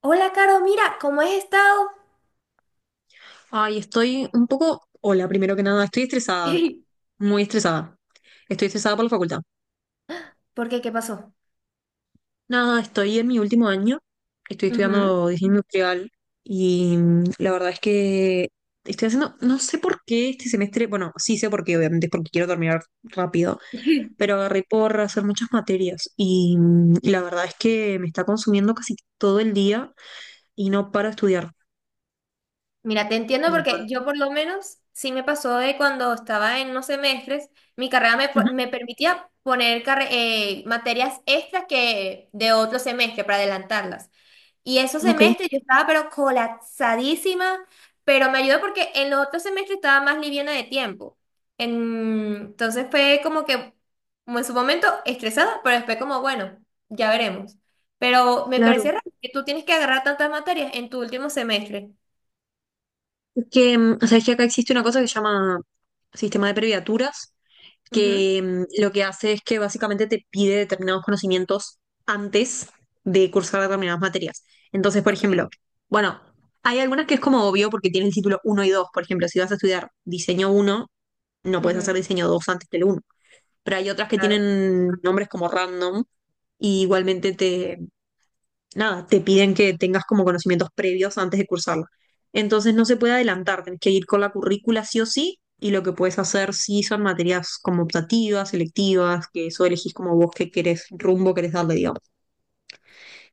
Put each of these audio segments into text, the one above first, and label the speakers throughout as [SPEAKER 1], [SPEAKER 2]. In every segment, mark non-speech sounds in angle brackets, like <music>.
[SPEAKER 1] Hola, Caro, mira, ¿cómo has estado?
[SPEAKER 2] Ay, estoy un poco, hola, primero que nada, estoy estresada,
[SPEAKER 1] <laughs>
[SPEAKER 2] muy estresada. Estoy estresada por la facultad.
[SPEAKER 1] ¿Por qué? ¿Qué pasó?
[SPEAKER 2] Nada, estoy en mi último año, estoy
[SPEAKER 1] Ujú.
[SPEAKER 2] estudiando diseño industrial y la verdad es que estoy haciendo, no sé por qué este semestre, bueno, sí sé por qué, obviamente es porque quiero terminar rápido, pero
[SPEAKER 1] <laughs>
[SPEAKER 2] agarré por hacer muchas materias y la verdad es que me está consumiendo casi todo el día y no paro de estudiar,
[SPEAKER 1] Mira, te entiendo
[SPEAKER 2] no paro.
[SPEAKER 1] porque yo por lo menos sí me pasó de cuando estaba en unos semestres, mi carrera me,
[SPEAKER 2] Ujú,
[SPEAKER 1] me permitía poner materias extras que de otro semestre para adelantarlas. Y esos
[SPEAKER 2] ok,
[SPEAKER 1] semestres yo estaba pero colapsadísima, pero me ayudó porque en los otros semestres estaba más liviana de tiempo. Entonces fue como que, como en su momento, estresada, pero después como, bueno, ya veremos. Pero me parecía
[SPEAKER 2] claro.
[SPEAKER 1] raro que tú tienes que agarrar tantas materias en tu último semestre.
[SPEAKER 2] Que, o sea, es que acá existe una cosa que se llama sistema de previaturas,
[SPEAKER 1] Ujú.
[SPEAKER 2] que lo que hace es que básicamente te pide determinados conocimientos antes de cursar determinadas materias. Entonces, por
[SPEAKER 1] Ok.
[SPEAKER 2] ejemplo, bueno, hay algunas que es como obvio porque tienen el título 1 y dos. Por ejemplo, si vas a estudiar diseño uno no puedes hacer
[SPEAKER 1] Ujú.
[SPEAKER 2] diseño 2 antes del uno. Pero hay otras que
[SPEAKER 1] Claro.
[SPEAKER 2] tienen nombres como random y igualmente te, nada, te piden que tengas como conocimientos previos antes de cursarla. Entonces no se puede adelantar, tenés que ir con la currícula sí o sí, y lo que puedes hacer sí son materias como optativas, selectivas, que eso elegís como vos qué querés, rumbo querés darle, digamos.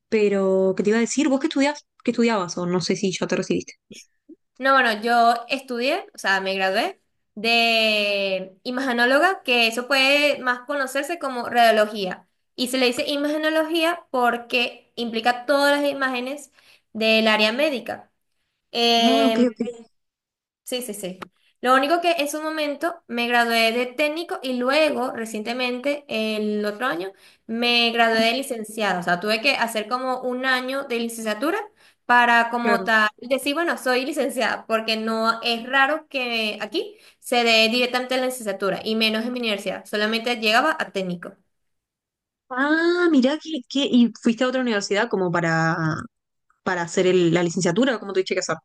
[SPEAKER 2] Pero, ¿qué te iba a decir? ¿Vos qué estudiás? ¿Qué estudiabas? O no sé si ya te recibiste.
[SPEAKER 1] No, bueno, yo estudié, o sea, me gradué de imagenóloga, que eso puede más conocerse como radiología. Y se le dice imagenología porque implica todas las imágenes del área médica.
[SPEAKER 2] Ah, ok, ok.
[SPEAKER 1] Em, Sí, sí, sí. Lo único que en su momento me gradué de técnico y luego, recientemente, el otro año, me gradué
[SPEAKER 2] Mm,
[SPEAKER 1] de licenciado. O sea, tuve que hacer como un año de licenciatura para como
[SPEAKER 2] claro.
[SPEAKER 1] tal decir, bueno, soy licenciada, porque no es raro que aquí se dé directamente la licenciatura y menos en mi universidad. Solamente llegaba a técnico.
[SPEAKER 2] Ah, mirá que, y fuiste a otra universidad como para hacer la licenciatura, como tuviste que hacer.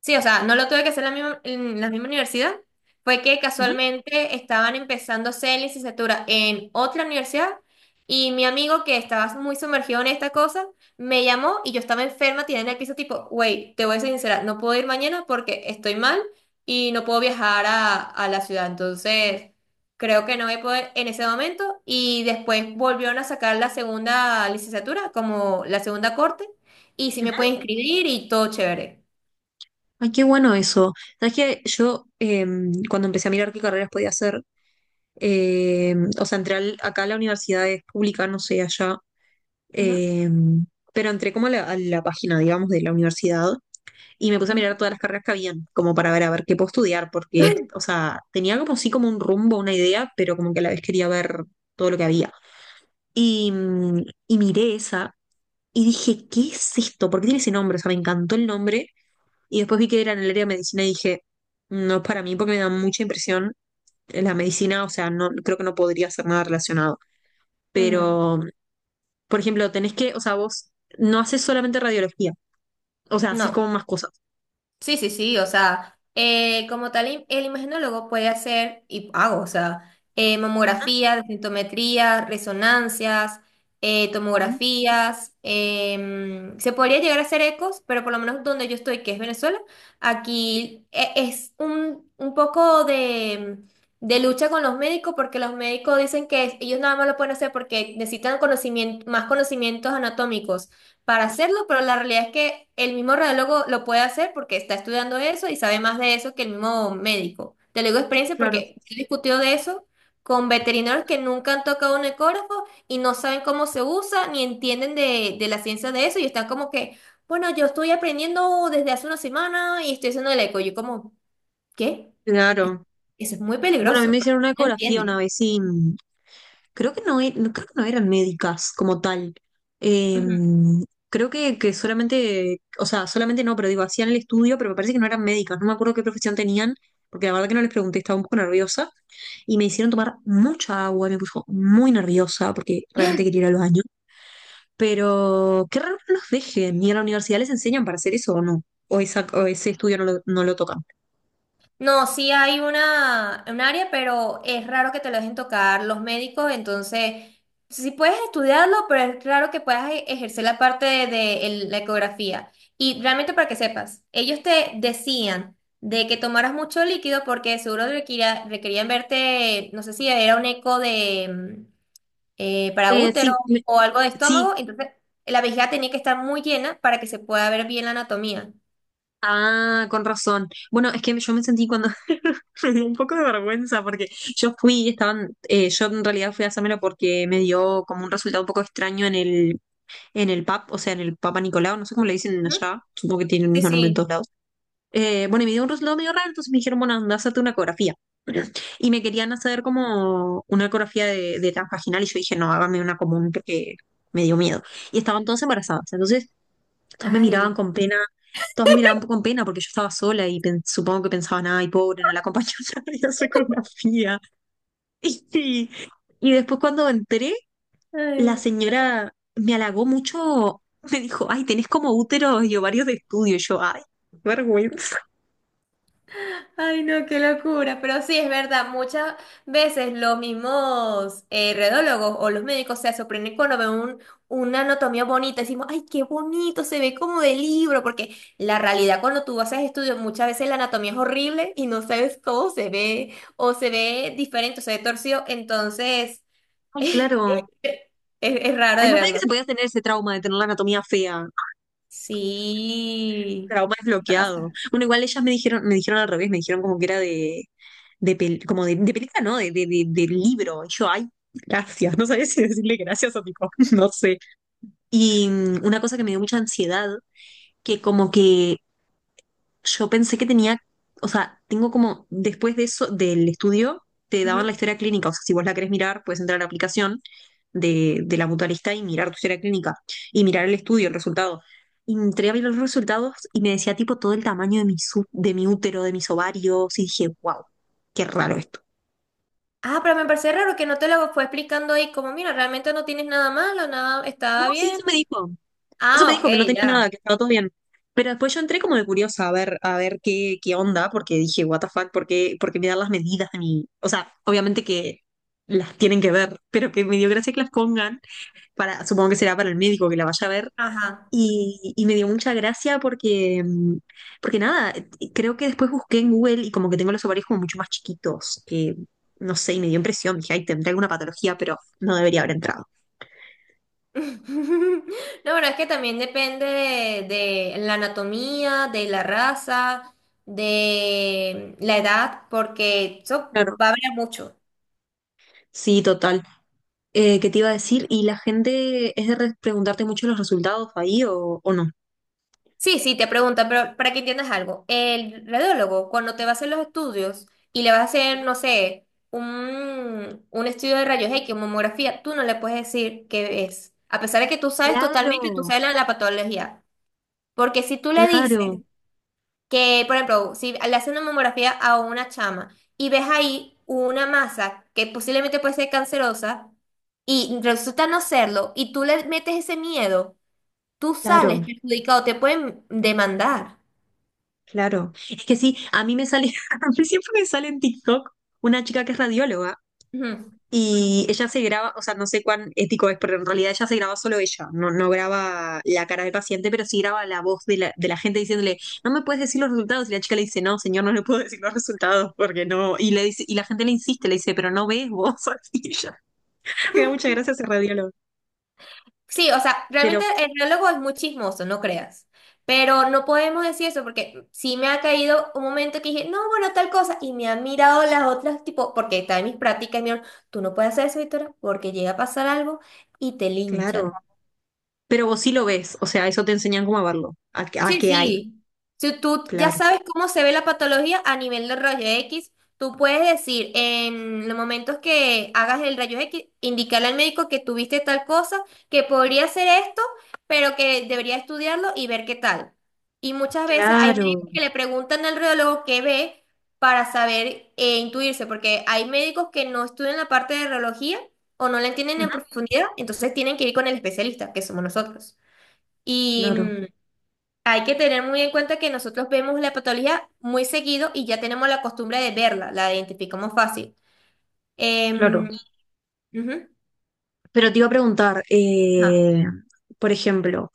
[SPEAKER 1] Sí, o sea, no lo tuve que hacer en la misma universidad. Fue que
[SPEAKER 2] Ujú,
[SPEAKER 1] casualmente estaban empezando a hacer licenciatura en otra universidad y mi amigo que estaba muy sumergido en esta cosa me llamó y yo estaba enferma, tirada en el piso tipo, wey, te voy a ser sincera, no puedo ir mañana porque estoy mal y no puedo viajar a la ciudad. Entonces, creo que no voy a poder en ese momento y después volvieron a sacar la segunda licenciatura como la segunda corte y sí me pueden
[SPEAKER 2] ujú.
[SPEAKER 1] inscribir y todo chévere.
[SPEAKER 2] Ay, qué bueno eso. Sabes que yo cuando empecé a mirar qué carreras podía hacer, o sea, entré acá a la universidad es pública, no sé, allá,
[SPEAKER 1] Ujú,
[SPEAKER 2] em, pero entré como a la página, digamos, de la universidad y me puse a mirar
[SPEAKER 1] ujú.
[SPEAKER 2] todas las carreras que habían, como para ver a ver qué puedo estudiar, porque, o sea, tenía como sí como un rumbo, una idea, pero como que a la vez quería ver todo lo que había. Y, y miré esa y dije, ¿qué es esto? ¿Por qué tiene ese nombre? O sea, me encantó el nombre. Y después vi que era en el área de medicina y dije, no es para mí porque me da mucha impresión la medicina, o sea, no creo que no podría hacer nada relacionado.
[SPEAKER 1] Mm,
[SPEAKER 2] Pero, por ejemplo, tenés que, o sea, vos no haces solamente radiología, o sea, haces
[SPEAKER 1] No,
[SPEAKER 2] como más cosas.
[SPEAKER 1] sí, sí, sí, o sea, como tal, el imaginólogo puede hacer, y hago, o sea, mamografía, densitometría, resonancias,
[SPEAKER 2] Ah,
[SPEAKER 1] tomografías, se podría llegar a hacer ecos, pero por lo menos donde yo estoy, que es Venezuela, aquí es un poco de lucha con los médicos, porque los médicos dicen que ellos nada más lo pueden hacer porque necesitan conocimiento, más conocimientos anatómicos, para hacerlo, pero la realidad es que el mismo radiólogo lo puede hacer porque está estudiando eso y sabe más de eso que el mismo médico. Te lo digo de experiencia
[SPEAKER 2] claro.
[SPEAKER 1] porque he discutido de eso con veterinarios que nunca han tocado un ecógrafo y no saben cómo se usa ni entienden de la ciencia de eso y están como que, bueno, yo estoy aprendiendo desde hace una semana y estoy haciendo el eco. Yo como, ¿qué?
[SPEAKER 2] Claro.
[SPEAKER 1] Eso es muy
[SPEAKER 2] Bueno, a mí
[SPEAKER 1] peligroso,
[SPEAKER 2] me
[SPEAKER 1] porque
[SPEAKER 2] hicieron una
[SPEAKER 1] no
[SPEAKER 2] ecografía una
[SPEAKER 1] entienden.
[SPEAKER 2] vez y creo que no, creo que no eran médicas como tal. Eh,
[SPEAKER 1] Ujú.
[SPEAKER 2] creo que solamente, o sea, solamente no, pero digo, hacían el estudio, pero me parece que no eran médicas, no me acuerdo qué profesión tenían, porque la verdad que no les pregunté, estaba un poco nerviosa y me hicieron tomar mucha agua, me puso muy nerviosa porque realmente quería ir al baño. Pero qué raro que no los dejen, ni en la universidad les enseñan para hacer eso o no, o, o ese estudio no lo, no lo tocan.
[SPEAKER 1] No, sí hay una, un área, pero es raro que te lo dejen tocar los médicos, entonces sí puedes estudiarlo, pero es raro que puedas ejercer la parte de la ecografía. Y realmente para que sepas, ellos te decían de que tomaras mucho líquido porque seguro requerían verte, no sé si era un eco de para útero
[SPEAKER 2] Sí,
[SPEAKER 1] o algo de
[SPEAKER 2] sí,
[SPEAKER 1] estómago, entonces la vejiga tenía que estar muy llena para que se pueda ver bien la anatomía.
[SPEAKER 2] ah, con razón. Bueno, es que yo me sentí cuando <laughs> me dio un poco de vergüenza porque yo fui, y estaban, yo en realidad fui a hacérmelo porque me dio como un resultado un poco extraño en el PAP, o sea, en el Papa Nicolau, no sé cómo le dicen
[SPEAKER 1] Ujú.
[SPEAKER 2] allá, supongo que tiene el
[SPEAKER 1] Sí,
[SPEAKER 2] mismo nombre en
[SPEAKER 1] sí.
[SPEAKER 2] todos lados. Bueno, y me dio un resultado medio raro, entonces me dijeron, bueno, anda, hazte una ecografía. Y me querían hacer como una ecografía de transvaginal y yo dije, no, hágame una común porque me dio miedo. Y estaban todas embarazadas, entonces todas me miraban
[SPEAKER 1] Ay.
[SPEAKER 2] con pena, todas me miraban con pena porque yo estaba sola y supongo que pensaban, ay, pobre, no la acompañó <laughs> a hacer ecografía. <laughs> Y, y después cuando entré, la
[SPEAKER 1] Ay.
[SPEAKER 2] señora me halagó mucho, me dijo, ay, tenés como úteros y ovarios de estudio. Y yo, ay, qué vergüenza.
[SPEAKER 1] Ay, no, qué locura. Pero sí, es verdad, muchas veces los mismos redólogos o los médicos se sorprenden cuando ven una anatomía bonita. Decimos, ay, qué bonito, se ve como de libro, porque la realidad cuando tú haces estudios, muchas veces la anatomía es horrible y no sabes cómo se ve, o se ve diferente, o se ve torcido. Entonces,
[SPEAKER 2] Ay,
[SPEAKER 1] <laughs> es,
[SPEAKER 2] claro,
[SPEAKER 1] es raro
[SPEAKER 2] ay,
[SPEAKER 1] de
[SPEAKER 2] no sabía que
[SPEAKER 1] verlo.
[SPEAKER 2] se podía tener ese trauma de tener la anatomía fea.
[SPEAKER 1] Sí,
[SPEAKER 2] Trauma desbloqueado.
[SPEAKER 1] pasa.
[SPEAKER 2] Bueno, igual ellas me dijeron al revés, me dijeron como que era de como de película, ¿no? De, de libro. Y yo, ay, gracias. No sabía si decirle gracias o tipo, <laughs> no sé. Y una cosa que me dio mucha ansiedad, que como que yo pensé que tenía, o sea, tengo como, después de eso, del estudio, te daban la historia clínica. O sea, si vos la querés mirar, puedes entrar a la aplicación de la mutualista y mirar tu historia clínica y mirar el estudio, el resultado. Y entré a ver los resultados y me decía tipo todo el tamaño de mi, de mi útero, de mis ovarios y dije, wow, qué raro esto.
[SPEAKER 1] Ah, pero me parece raro que no te lo fue explicando ahí, como mira, realmente no tienes nada malo, nada,
[SPEAKER 2] No,
[SPEAKER 1] está
[SPEAKER 2] sí,
[SPEAKER 1] bien.
[SPEAKER 2] eso me dijo. Eso me
[SPEAKER 1] Ah, ok,
[SPEAKER 2] dijo que no tenía nada, que
[SPEAKER 1] ya.
[SPEAKER 2] estaba todo bien. Pero después yo entré como de curiosa a ver qué, qué onda, porque dije, what the fuck, por qué me dan las medidas de mi... O sea, obviamente que las tienen que ver, pero que me dio gracia que las pongan para, supongo que será para el médico que la vaya a ver.
[SPEAKER 1] Ajá.
[SPEAKER 2] Y me dio mucha gracia porque, porque nada, creo que después busqué en Google y como que tengo los ovarios como mucho más chiquitos, que no sé, y me dio impresión, dije, ay, tendré alguna patología, pero no debería haber entrado.
[SPEAKER 1] <laughs> No, pero es que también depende de la anatomía, de la raza, de la edad, porque eso
[SPEAKER 2] Claro.
[SPEAKER 1] va a variar mucho.
[SPEAKER 2] Sí, total. ¿Qué te iba a decir? ¿Y la gente es de preguntarte mucho los resultados ahí o no?
[SPEAKER 1] Sí, sí, te preguntan, pero para que entiendas algo, el radiólogo, cuando te va a hacer los estudios y le vas a hacer,
[SPEAKER 2] Ujú.
[SPEAKER 1] no sé, un estudio de rayos X, mamografía, tú no le puedes decir qué es, a pesar de que tú sabes totalmente, tú
[SPEAKER 2] Claro,
[SPEAKER 1] sabes la, la patología. Porque si tú le dices
[SPEAKER 2] claro,
[SPEAKER 1] que, por ejemplo, si le hacen una mamografía a una chama y ves ahí una masa que posiblemente puede ser cancerosa y resulta no serlo, y tú le metes ese miedo, tú
[SPEAKER 2] claro,
[SPEAKER 1] sales perjudicado, te pueden demandar.
[SPEAKER 2] claro. Es que sí, a mí me sale, <laughs> a mí siempre me sale en TikTok una chica que es radióloga.
[SPEAKER 1] Ujú.
[SPEAKER 2] Y ella se graba, o sea, no sé cuán ético es, pero en realidad ella se graba solo ella, no, no graba la cara del paciente, pero sí graba la voz de la gente diciéndole, no me puedes decir los resultados. Y la chica le dice, no, señor, no le puedo decir los resultados porque no. Y le dice, y la gente le insiste, le dice, pero no ves vos. <laughs> Y ella, me da muchas gracias ese radiólogo.
[SPEAKER 1] Sí, o sea,
[SPEAKER 2] Pero,
[SPEAKER 1] realmente el biólogo es muy chismoso, no creas. Pero no podemos decir eso porque sí me ha caído un momento que dije, no, bueno, tal cosa, y me han mirado las otras, tipo, porque está en mis prácticas, y me dijeron, tú no puedes hacer eso, Víctora, porque llega a pasar algo y te
[SPEAKER 2] claro,
[SPEAKER 1] linchan.
[SPEAKER 2] pero vos sí lo ves, o sea, eso te enseñan cómo a verlo, a, a
[SPEAKER 1] Sí,
[SPEAKER 2] qué hay,
[SPEAKER 1] sí. Si tú ya
[SPEAKER 2] claro.
[SPEAKER 1] sabes cómo se ve la patología a nivel de rayo X, tú puedes decir en los momentos que hagas el rayo X, indicarle al médico que tuviste tal cosa, que podría ser esto, pero que debería estudiarlo y ver qué tal. Y muchas veces hay médicos
[SPEAKER 2] Claro,
[SPEAKER 1] que le preguntan al radiólogo qué ve para saber e intuirse, porque hay médicos que no estudian la parte de radiología o no la entienden
[SPEAKER 2] ujú,
[SPEAKER 1] en profundidad, entonces tienen que ir con el especialista, que somos nosotros. Y
[SPEAKER 2] claro,
[SPEAKER 1] hay que tener muy en cuenta que nosotros vemos la patología muy seguido y ya tenemos la costumbre de verla, la identificamos fácil.
[SPEAKER 2] claro.
[SPEAKER 1] Em, ujú,
[SPEAKER 2] Pero te iba a preguntar,
[SPEAKER 1] ajá.
[SPEAKER 2] por ejemplo,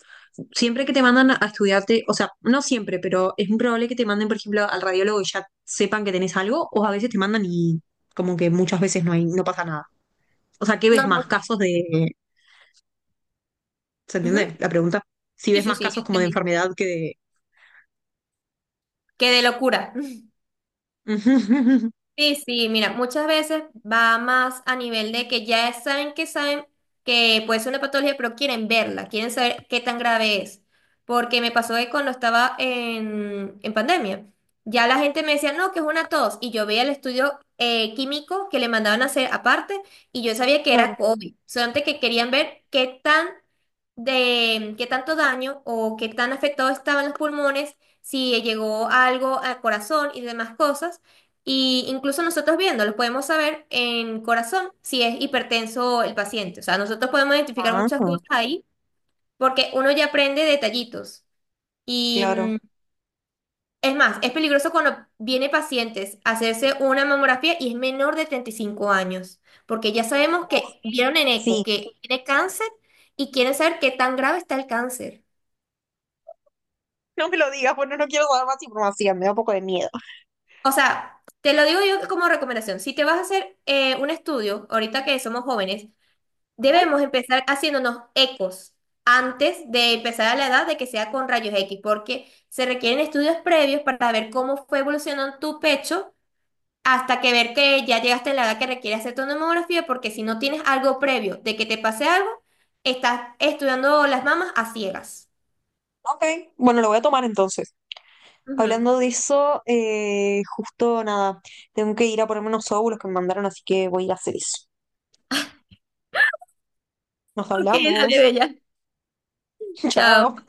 [SPEAKER 2] siempre que te mandan a estudiarte, o sea, no siempre, pero es muy probable que te manden, por ejemplo, al radiólogo y ya sepan que tenés algo, o a veces te mandan y como que muchas veces no hay, no pasa nada. O sea, ¿qué
[SPEAKER 1] No,
[SPEAKER 2] ves más casos de, ¿se
[SPEAKER 1] ujú.
[SPEAKER 2] entiende la pregunta? Si
[SPEAKER 1] Sí,
[SPEAKER 2] ves
[SPEAKER 1] sí,
[SPEAKER 2] más
[SPEAKER 1] sí, ya
[SPEAKER 2] casos como de
[SPEAKER 1] entendí.
[SPEAKER 2] enfermedad que de...
[SPEAKER 1] Qué de locura. <laughs>
[SPEAKER 2] <laughs>
[SPEAKER 1] Sí, sí, mira, muchas veces va más a nivel de que saben que puede ser una patología, pero quieren verla, quieren saber qué tan grave es. Porque me pasó que cuando estaba en pandemia, ya la gente me decía, no, que es una tos, y yo veía el estudio químico que le mandaban a hacer aparte, y yo sabía que era
[SPEAKER 2] Claro.
[SPEAKER 1] COVID, solamente que querían ver qué tan de qué tanto daño o qué tan afectado estaban los pulmones, si llegó algo al corazón y demás cosas. Y incluso nosotros viéndolos podemos saber en corazón si es hipertenso el paciente. O sea, nosotros podemos identificar
[SPEAKER 2] Ah,
[SPEAKER 1] muchas cosas ahí porque uno ya aprende detallitos. Y
[SPEAKER 2] claro.
[SPEAKER 1] es más, es peligroso cuando viene pacientes a hacerse una mamografía y es menor de 35 años, porque ya sabemos
[SPEAKER 2] Uf,
[SPEAKER 1] que vieron en eco
[SPEAKER 2] sí.
[SPEAKER 1] que tiene cáncer y quieren saber qué tan grave está el cáncer.
[SPEAKER 2] No me lo digas, bueno, no quiero dar más información, me da un poco de miedo.
[SPEAKER 1] O sea, te lo digo yo como recomendación. Si te vas a hacer un estudio, ahorita que somos jóvenes,
[SPEAKER 2] Ujú,
[SPEAKER 1] debemos empezar haciéndonos ecos antes de empezar a la edad de que sea con rayos X, porque se requieren estudios previos para ver cómo fue evolucionando tu pecho hasta que ver que ya llegaste a la edad que requiere hacer tu mamografía, porque si no tienes algo previo de que te pase algo, estás estudiando las mamas a ciegas.
[SPEAKER 2] ok, bueno, lo voy a tomar entonces. Hablando
[SPEAKER 1] Ujú.
[SPEAKER 2] de eso, justo nada, tengo que ir a ponerme unos óvulos que me mandaron, así que voy a ir a hacer eso. Nos
[SPEAKER 1] Ok, dale,
[SPEAKER 2] hablamos.
[SPEAKER 1] bella.
[SPEAKER 2] <laughs> Chao.
[SPEAKER 1] Chao.